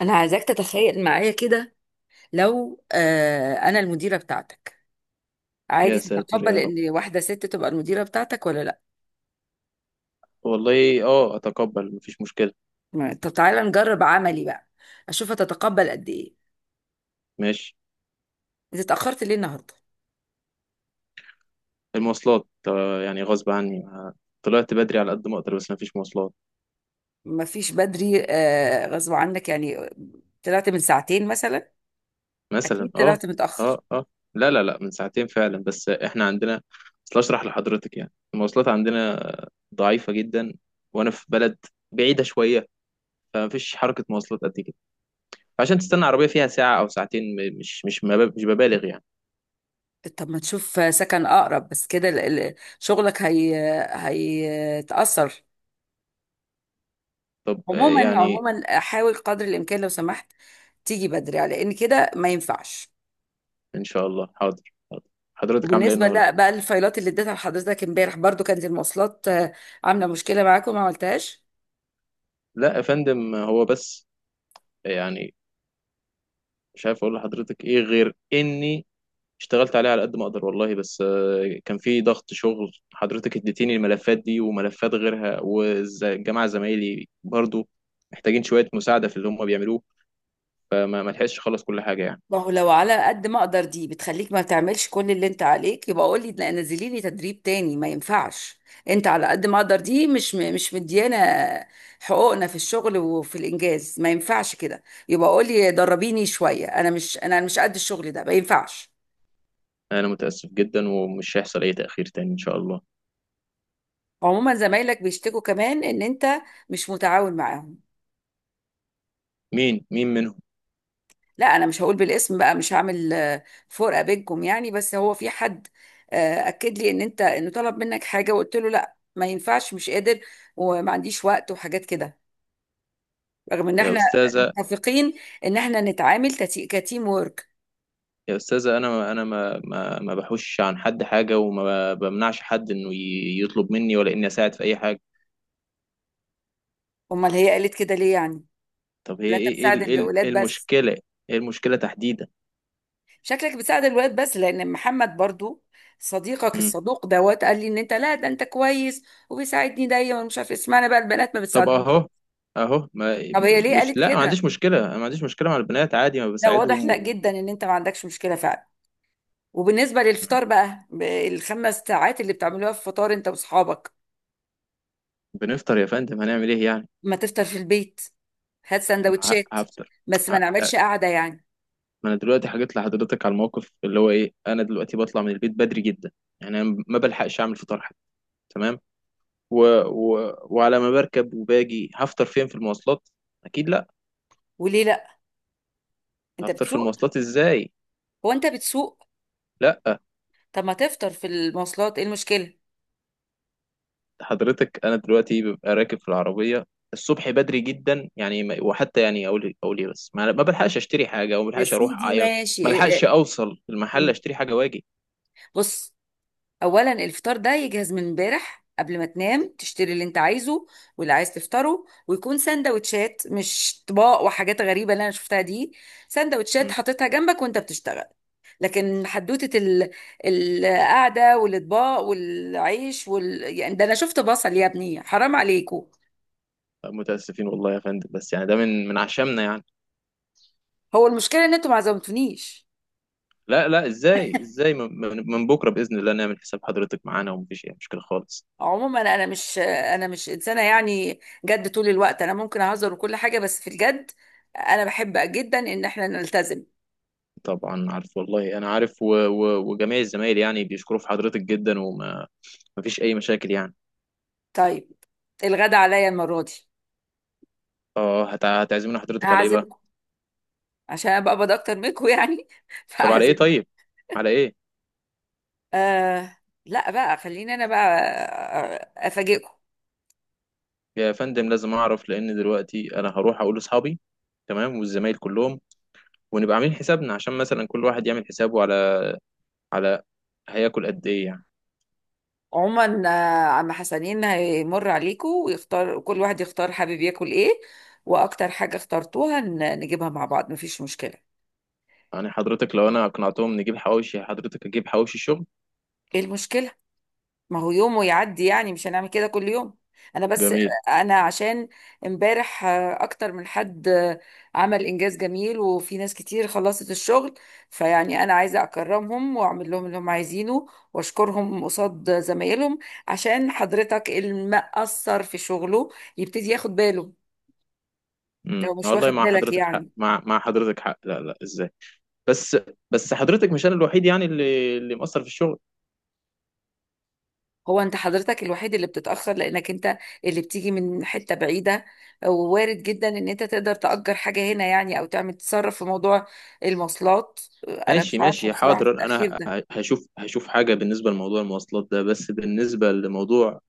انا عايزاك تتخيل معايا كده. لو انا المديره بتاعتك، يا عادي ساتر تتقبل يا رب. ان واحده ست تبقى المديره بتاعتك ولا لا؟ والله اه، اتقبل، مفيش مشكلة. طب تعالى نجرب عملي بقى، اشوف هتتقبل قد ايه. ماشي. انت اتاخرت ليه النهارده؟ المواصلات يعني غصب عني، طلعت بدري على قد ما اقدر بس مفيش مواصلات. ما فيش بدري غصب عنك يعني؟ طلعت من ساعتين مثلا؟ مثلا، اكيد اه. طلعت متاخر. اه، اه. لا، لا، لا، من ساعتين فعلا، بس احنا عندنا. اصل اشرح لحضرتك، يعني المواصلات عندنا ضعيفة جدا، وانا في بلد بعيدة شوية، فمفيش حركة مواصلات قد كده، عشان تستنى عربية فيها ساعة او ساعتين. مش ببالغ يعني. طب ما تشوف سكن اقرب بس، كده شغلك هي هيتاثر. طب عموما يعني. عموما حاول قدر الامكان لو سمحت تيجي بدري، على ان كده ما ينفعش. ان شاء الله، حاضر. حاضر. حضرتك عاملة ايه وبالنسبة النهاردة؟ لا بقى الفايلات اللي اديتها لحضرتك امبارح، برضو كانت المواصلات عاملة مشكلة معاكم ما عملتهاش؟ لا يا فندم، هو بس يعني مش عارف اقول لحضرتك ايه غير اني اشتغلت عليه على قد ما اقدر والله، بس كان في ضغط شغل، حضرتك اديتيني الملفات دي وملفات غيرها، والجماعه زمايلي برضو محتاجين شويه مساعده في اللي هم بيعملوه، فما ما لحقتش اخلص كل حاجه يعني. ما هو لو على قد ما اقدر دي بتخليك ما بتعملش كل اللي انت عليك، يبقى قول لي لا نزلي لي تدريب تاني، ما ينفعش. انت على قد ما اقدر دي مش مديانا حقوقنا في الشغل وفي الانجاز، ما ينفعش كده. يبقى قول لي دربيني شوية، انا مش قد الشغل ده، ما ينفعش. انا متاسف جدا ومش هيحصل اي تاخير تاني ان شاء الله. عموما زمايلك بيشتكوا كمان ان انت مش متعاون معاهم. مين منهم؟ لا انا مش هقول بالاسم بقى، مش هعمل فرقه بينكم يعني، بس هو في حد اكد لي ان انه طلب منك حاجه وقلت له لا ما ينفعش مش قادر وما عنديش وقت وحاجات كده، رغم ان يا احنا استاذه، متفقين ان احنا نتعامل كتيم وورك. يا استاذه، انا ما بحوش عن حد حاجه، وما بمنعش حد انه يطلب مني، ولا اني اساعد في اي حاجه. امال هي قالت كده ليه يعني؟ طب هي لا انت بتساعد إيه الاولاد بس؟ المشكلة؟ ايه المشكلة تحديدا؟ شكلك بتساعد الولاد بس، لان محمد برضو صديقك مم. الصدوق دوت قال لي ان انت، لا ده انت كويس وبيساعدني دايما، مش عارف اسمعنا بقى، البنات ما طب بتساعدنيش. اهو، ما طب هي م- ليه مش قالت لا، ما كده؟ عنديش مشكلة، أنا ما عنديش مشكلة مع البنات عادي، ما لا واضح بساعدهم لا و... جدا ان انت ما عندكش مشكله فعلا. وبالنسبه مم. للفطار بقى، الخمس ساعات اللي بتعملوها في فطار انت واصحابك؟ وبنفطر يا فندم، هنعمل ايه يعني؟ ما تفطر في البيت، هات ما سندوتشات، هفطر. بس ما نعملش لا، قعده يعني. ما انا دلوقتي حكيت لحضرتك على الموقف اللي هو ايه، انا دلوقتي بطلع من البيت بدري جدا، يعني أنا ما بلحقش اعمل فطار حتى. تمام. و... و... وعلى ما بركب وباجي هفطر فين، في المواصلات؟ اكيد لا. وليه لا؟ انت هفطر في بتسوق؟ المواصلات ازاي؟ هو انت بتسوق؟ لا. طب ما تفطر في المواصلات، ايه المشكله؟ حضرتك انا دلوقتي ببقى راكب في العربيه الصبح بدري جدا، يعني وحتى يعني اقول ايه، بس ما بلحقش اشتري حاجه، او ما يا بلحقش اروح سيدي ما ماشي بلحقش إيه- اوصل المحل إيه. اشتري حاجه واجي. بص، اولا الفطار ده يجهز من امبارح، قبل ما تنام تشتري اللي انت عايزه واللي عايز تفطره، ويكون سندوتشات مش طباق وحاجات غريبه اللي انا شفتها دي. سندوتشات مم. حاططها جنبك وانت بتشتغل. لكن حدوته القعده والاطباق والعيش يعني ده انا شفت بصل، يا ابني حرام عليكم. متاسفين والله يا فندم، بس يعني ده من عشمنا يعني. هو المشكله ان انتوا ما عزمتونيش. لا لا، ازاي، ازاي، من بكره باذن الله نعمل حساب حضرتك معانا، ومفيش اي مشكله خالص. عموما انا مش انسانه يعني جد طول الوقت، انا ممكن اهزر وكل حاجه، بس في الجد انا بحب جدا ان احنا نلتزم. طبعا عارف والله، انا عارف، و و وجميع الزمايل يعني بيشكروا في حضرتك جدا، وما مفيش اي مشاكل يعني. طيب الغدا عليا المرة دي. اه، هتعزمنا حضرتك على ايه بقى؟ هعزمكم عشان انا بقبض اكتر منكم يعني طب على ايه؟ فهعزمكم. طيب على ايه؟ آه لا بقى خليني انا بقى افاجئكم. يا فندم لازم اعرف، لان دلوقتي انا هروح اقول لاصحابي، تمام، والزمايل كلهم، ونبقى عاملين حسابنا عشان مثلا كل واحد يعمل حسابه على على هياكل قد ايه يعني. عموما عم حسنين هيمر عليكم، كل واحد يختار حابب ياكل ايه، واكتر حاجة اخترتوها نجيبها مع بعض، مفيش مشكلة. يعني حضرتك لو انا اقنعتهم نجيب حواوشي، حضرتك اجيب حواوشي شغل. ايه المشكلة؟ ما هو يوم ويعدي يعني، مش هنعمل كده كل يوم. انا بس، جميل. انا عشان امبارح اكتر من حد عمل انجاز جميل وفي ناس كتير خلصت الشغل، فيعني انا عايزه اكرمهم واعمل لهم اللي هم عايزينه واشكرهم قصاد زمايلهم، عشان حضرتك المقصر في شغله يبتدي ياخد باله لو مش والله واخد مع بالك حضرتك حق، يعني. مع حضرتك حق، لا لا ازاي. بس بس حضرتك مش انا الوحيد يعني اللي مقصر في الشغل. هو انت حضرتك الوحيد اللي بتتأخر، لانك انت اللي بتيجي من حتة بعيدة، ووارد جدا ان انت تقدر تأجر حاجة هنا يعني، او تعمل تصرف في موضوع المواصلات. انا مش ماشي، عارفة ماشي، بصراحة في حاضر. التأخير انا ده. هشوف حاجه بالنسبه لموضوع المواصلات ده، بس بالنسبه لموضوع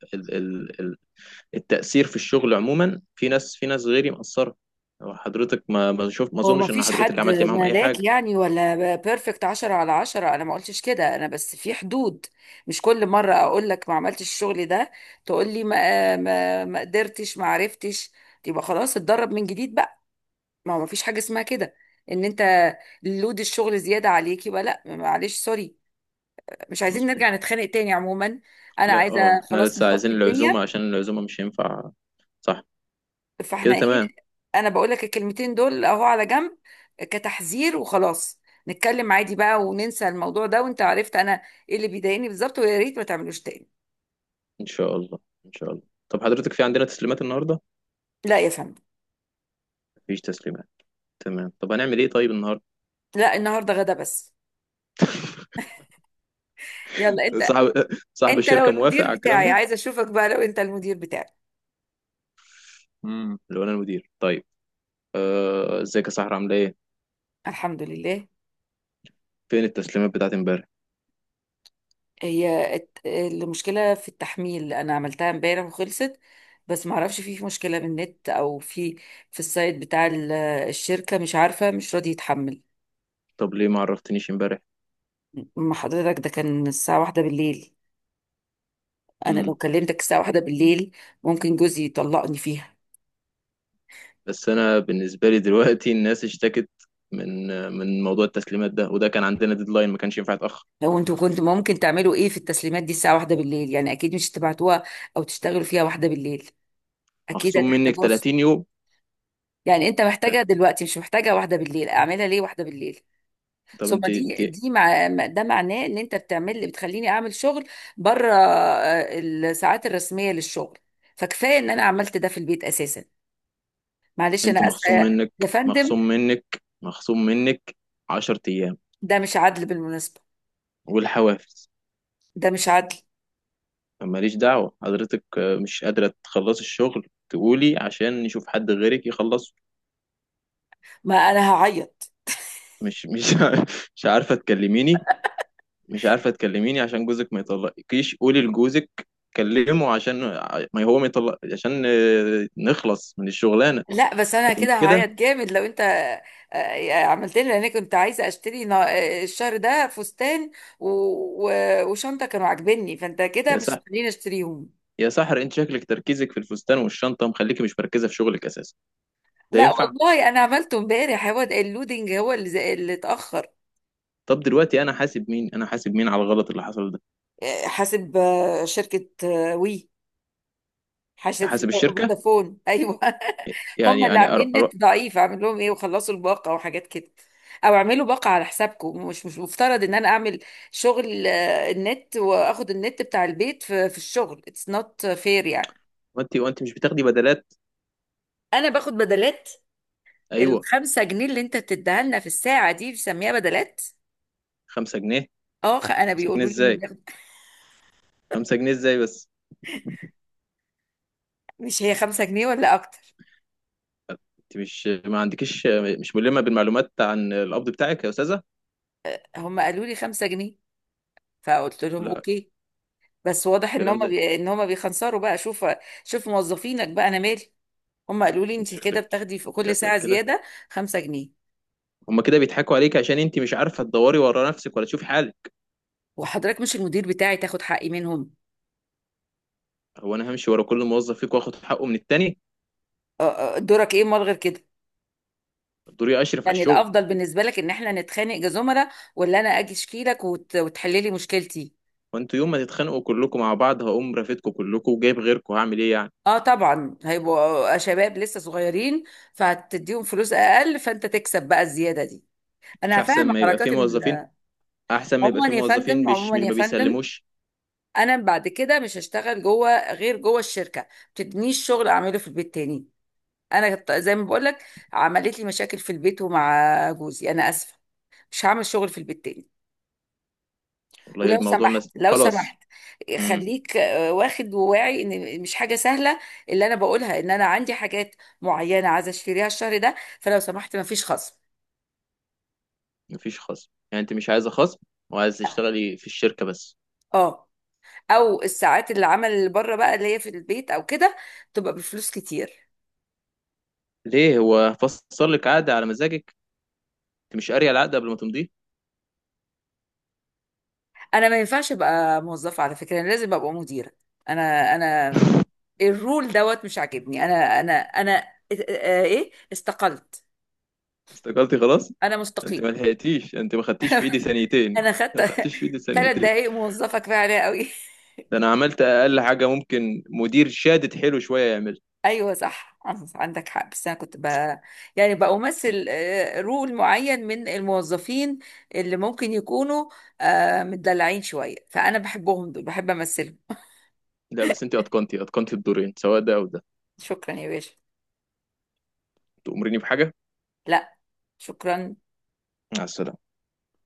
التأثير في الشغل عموما، في ناس غيري مقصرة. هو حضرتك ما ما شوف، ما هو ما اظنش ان فيش حضرتك حد عملت معاهم اي ملاك حاجة. يعني ولا بيرفكت عشرة على عشرة، انا ما قلتش كده، انا بس في حدود. مش كل مرة اقول لك ما عملتش الشغل ده، تقول لي ما قدرتش ما عرفتش. يبقى خلاص اتدرب من جديد بقى. ما هو مفيش حاجة اسمها كده ان انت لود الشغل زيادة عليك، يبقى لا معلش سوري. مش عايزين مظبوط. نرجع نتخانق تاني. عموما انا لا، عايزة اه، احنا خلاص لسه نصفي عايزين الدنيا، العزومة، عشان العزومة مش هينفع. صح. فاحنا كده ايه؟ تمام. انا بقول لك الكلمتين دول اهو على جنب، كتحذير وخلاص، نتكلم عادي بقى وننسى الموضوع ده، وانت عرفت انا ايه اللي بيضايقني بالظبط، ويا ريت ما تعملوش تاني. ان شاء الله. ان شاء الله. طب حضرتك في عندنا تسليمات النهاردة؟ لا يا فندم. مفيش تسليمات. تمام، طب هنعمل ايه طيب النهاردة؟ لا النهارده غدا بس. يلا انت، صاحب صاحب انت لو الشركة موافق المدير على الكلام بتاعي ده؟ عايزة اشوفك بقى. لو انت المدير بتاعي: اللي هو انا المدير؟ طيب. ازيك يا صاحبي، عامله ايه؟ الحمد لله. فين التسليمات بتاعت امبارح؟ هي المشكلة في التحميل، أنا عملتها امبارح وخلصت، بس معرفش في مشكلة بالنت أو في السايت بتاع الشركة، مش عارفة مش راضي يتحمل. طب ليه ما عرفتنيش امبارح؟ ما حضرتك ده كان الساعة واحدة بالليل، أنا لو كلمتك الساعة واحدة بالليل ممكن جوزي يطلقني فيها. بس انا بالنسبه لي دلوقتي الناس اشتكت من من موضوع التسليمات ده، وده كان عندنا ديدلاين، ما كانش ينفع يتاخر. لو انتوا كنتوا ممكن تعملوا ايه في التسليمات دي الساعة واحدة بالليل؟ يعني أكيد مش تبعتوها أو تشتغلوا فيها واحدة بالليل، أكيد مخصوم منك هتحتاجوها الصبح. 30 يوم. يعني أنت محتاجها دلوقتي مش محتاجها واحدة بالليل، أعملها ليه واحدة بالليل؟ طب ثم انت انت ده معناه ان انت بتخليني اعمل شغل بره الساعات الرسميه للشغل، فكفايه ان انا عملت ده في البيت اساسا. معلش انا انت اسفه مخصوم يا منك، فندم. مخصوم منك، مخصوم منك 10 ايام ده مش عدل بالمناسبه، والحوافز. ده مش عدل. ماليش دعوه، حضرتك مش قادره تخلصي الشغل، تقولي عشان نشوف حد غيرك يخلصه. ما انا هعيط. مش مش مش عارفه تكلميني، مش عارفة تكلميني عشان جوزك ما يطلقكيش، قولي لجوزك كلمه عشان ما هو ما يطلق، عشان نخلص من الشغلانة. لا بس انا لكن كده هعيط كده. جامد لو انت عملت لي، لان انا كنت عايزه اشتري الشهر ده فستان وشنطه كانوا عاجبني، فانت كده يا مش سحر، هتخليني اشتريهم. يا سحر، انت شكلك تركيزك في الفستان والشنطة مخليكي مش مركزة في شغلك اساسا. ده لا ينفع؟ والله انا عملته امبارح، هو ده اللودنج هو اللي اللي اتاخر. طب دلوقتي انا حاسب مين، انا حاسب مين على الغلط اللي حصل ده؟ حاسب شركه وي، حاسب يعني حاسب الشركة. فودافون ايوه يعني هم اللي يعني أرو... عاملين أرو... نت ضعيف، اعمل لهم ايه؟ وخلصوا الباقه وحاجات كده، او اعملوا باقه على حسابكم. مش مفترض ان انا اعمل شغل النت، واخد النت بتاع البيت في الشغل، اتس نوت فير يعني. وانت مش بتاخدي بدلات؟ انا باخد بدلات؟ ايوه. الخمسة جنيه اللي انت بتديها لنا في الساعه دي بسميها بدلات؟ 5 جنيه؟ اه، انا 5 جنيه بيقولوا لي انه ازاي؟ بياخد، 5 جنيه ازاي بس؟ مش هي خمسة جنيه ولا اكتر؟ انت مش ما عندكيش مش ملمة بالمعلومات عن القبض بتاعك يا استاذة. هم قالوا لي 5 جنيه، فقلت لهم لا، اوكي. بس واضح الكلام ده. ان هم بيخنصروا بقى. شوف، شوف موظفينك بقى، انا مالي. هم قالوا لي انت انت كده شكلك بتاخدي في كل شكلك ساعه كده زياده 5 جنيه. هما كده بيضحكوا عليك، عشان انت مش عارفه تدوري ورا نفسك ولا تشوفي حالك. وحضرتك مش المدير بتاعي تاخد حقي منهم؟ هو انا همشي ورا كل موظف فيكم واخد حقه من التاني؟ دورك ايه امال غير كده؟ دوري اشرف على يعني الشغل. الافضل بالنسبه لك ان احنا نتخانق كزملاء، ولا انا اجي اشكي لك وتحلي لي مشكلتي؟ وانتوا يوم ما تتخانقوا كلكم مع بعض هقوم رافدكم كلكم وجايب غيركم، هعمل ايه يعني؟ اه طبعا، هيبقوا شباب لسه صغيرين فهتديهم فلوس اقل، فانت تكسب بقى الزياده دي، مش انا احسن فاهمه ما يبقى حركات. في موظفين، احسن ما يبقى في عموما يا موظفين فندم، مش عموما مش يا ما فندم، بيسلموش. انا بعد كده مش هشتغل جوه غير جوه الشركه، ما تدينيش شغل اعمله في البيت تاني. انا زي ما بقول لك عملت لي مشاكل في البيت ومع جوزي، انا اسفه مش هعمل شغل في البيت تاني. والله ولو الموضوع سمحت مثلا لو سمحت خلاص. امم. خليك واخد وواعي ان مش حاجه سهله اللي انا بقولها. ان انا عندي حاجات معينه عايزه اشتريها الشهر ده، فلو سمحت مفيش خصم. مفيش خصم يعني؟ انت مش عايزه خصم وعايزه تشتغلي في الشركه بس؟ اه، او الساعات اللي عمل بره بقى اللي هي في البيت او كده، تبقى بفلوس كتير. ليه، هو فصل لك عقد على مزاجك؟ انت مش قاريه العقد قبل ما تمضيه؟ انا ما ينفعش ابقى موظفه على فكره، انا لازم ابقى مديره. انا الرول دوت مش عاجبني. انا إيه؟ استقلت. استقالتي خلاص. انا انت ما مستقيل. لحقتيش، انت ما خدتيش في ايدي ثانيتين، انا خدت ما خدتيش في ايدي ثلاث ثانيتين. دقايق موظفه كفايه عليا قوي ده انا عملت اقل حاجه ممكن مدير شادد حلو شويه يعمل. ايوه صح، عندك حق، بس انا كنت يعني بمثل رول معين من الموظفين، اللي ممكن يكونوا متدلعين شويه، فانا بحبهم دول، بحب امثلهم. لا بس انت اتقنتي الدورين، سواء ده او ده. شكرا يا باشا. تأمريني بحاجه. لا، شكرا. مع السلامه.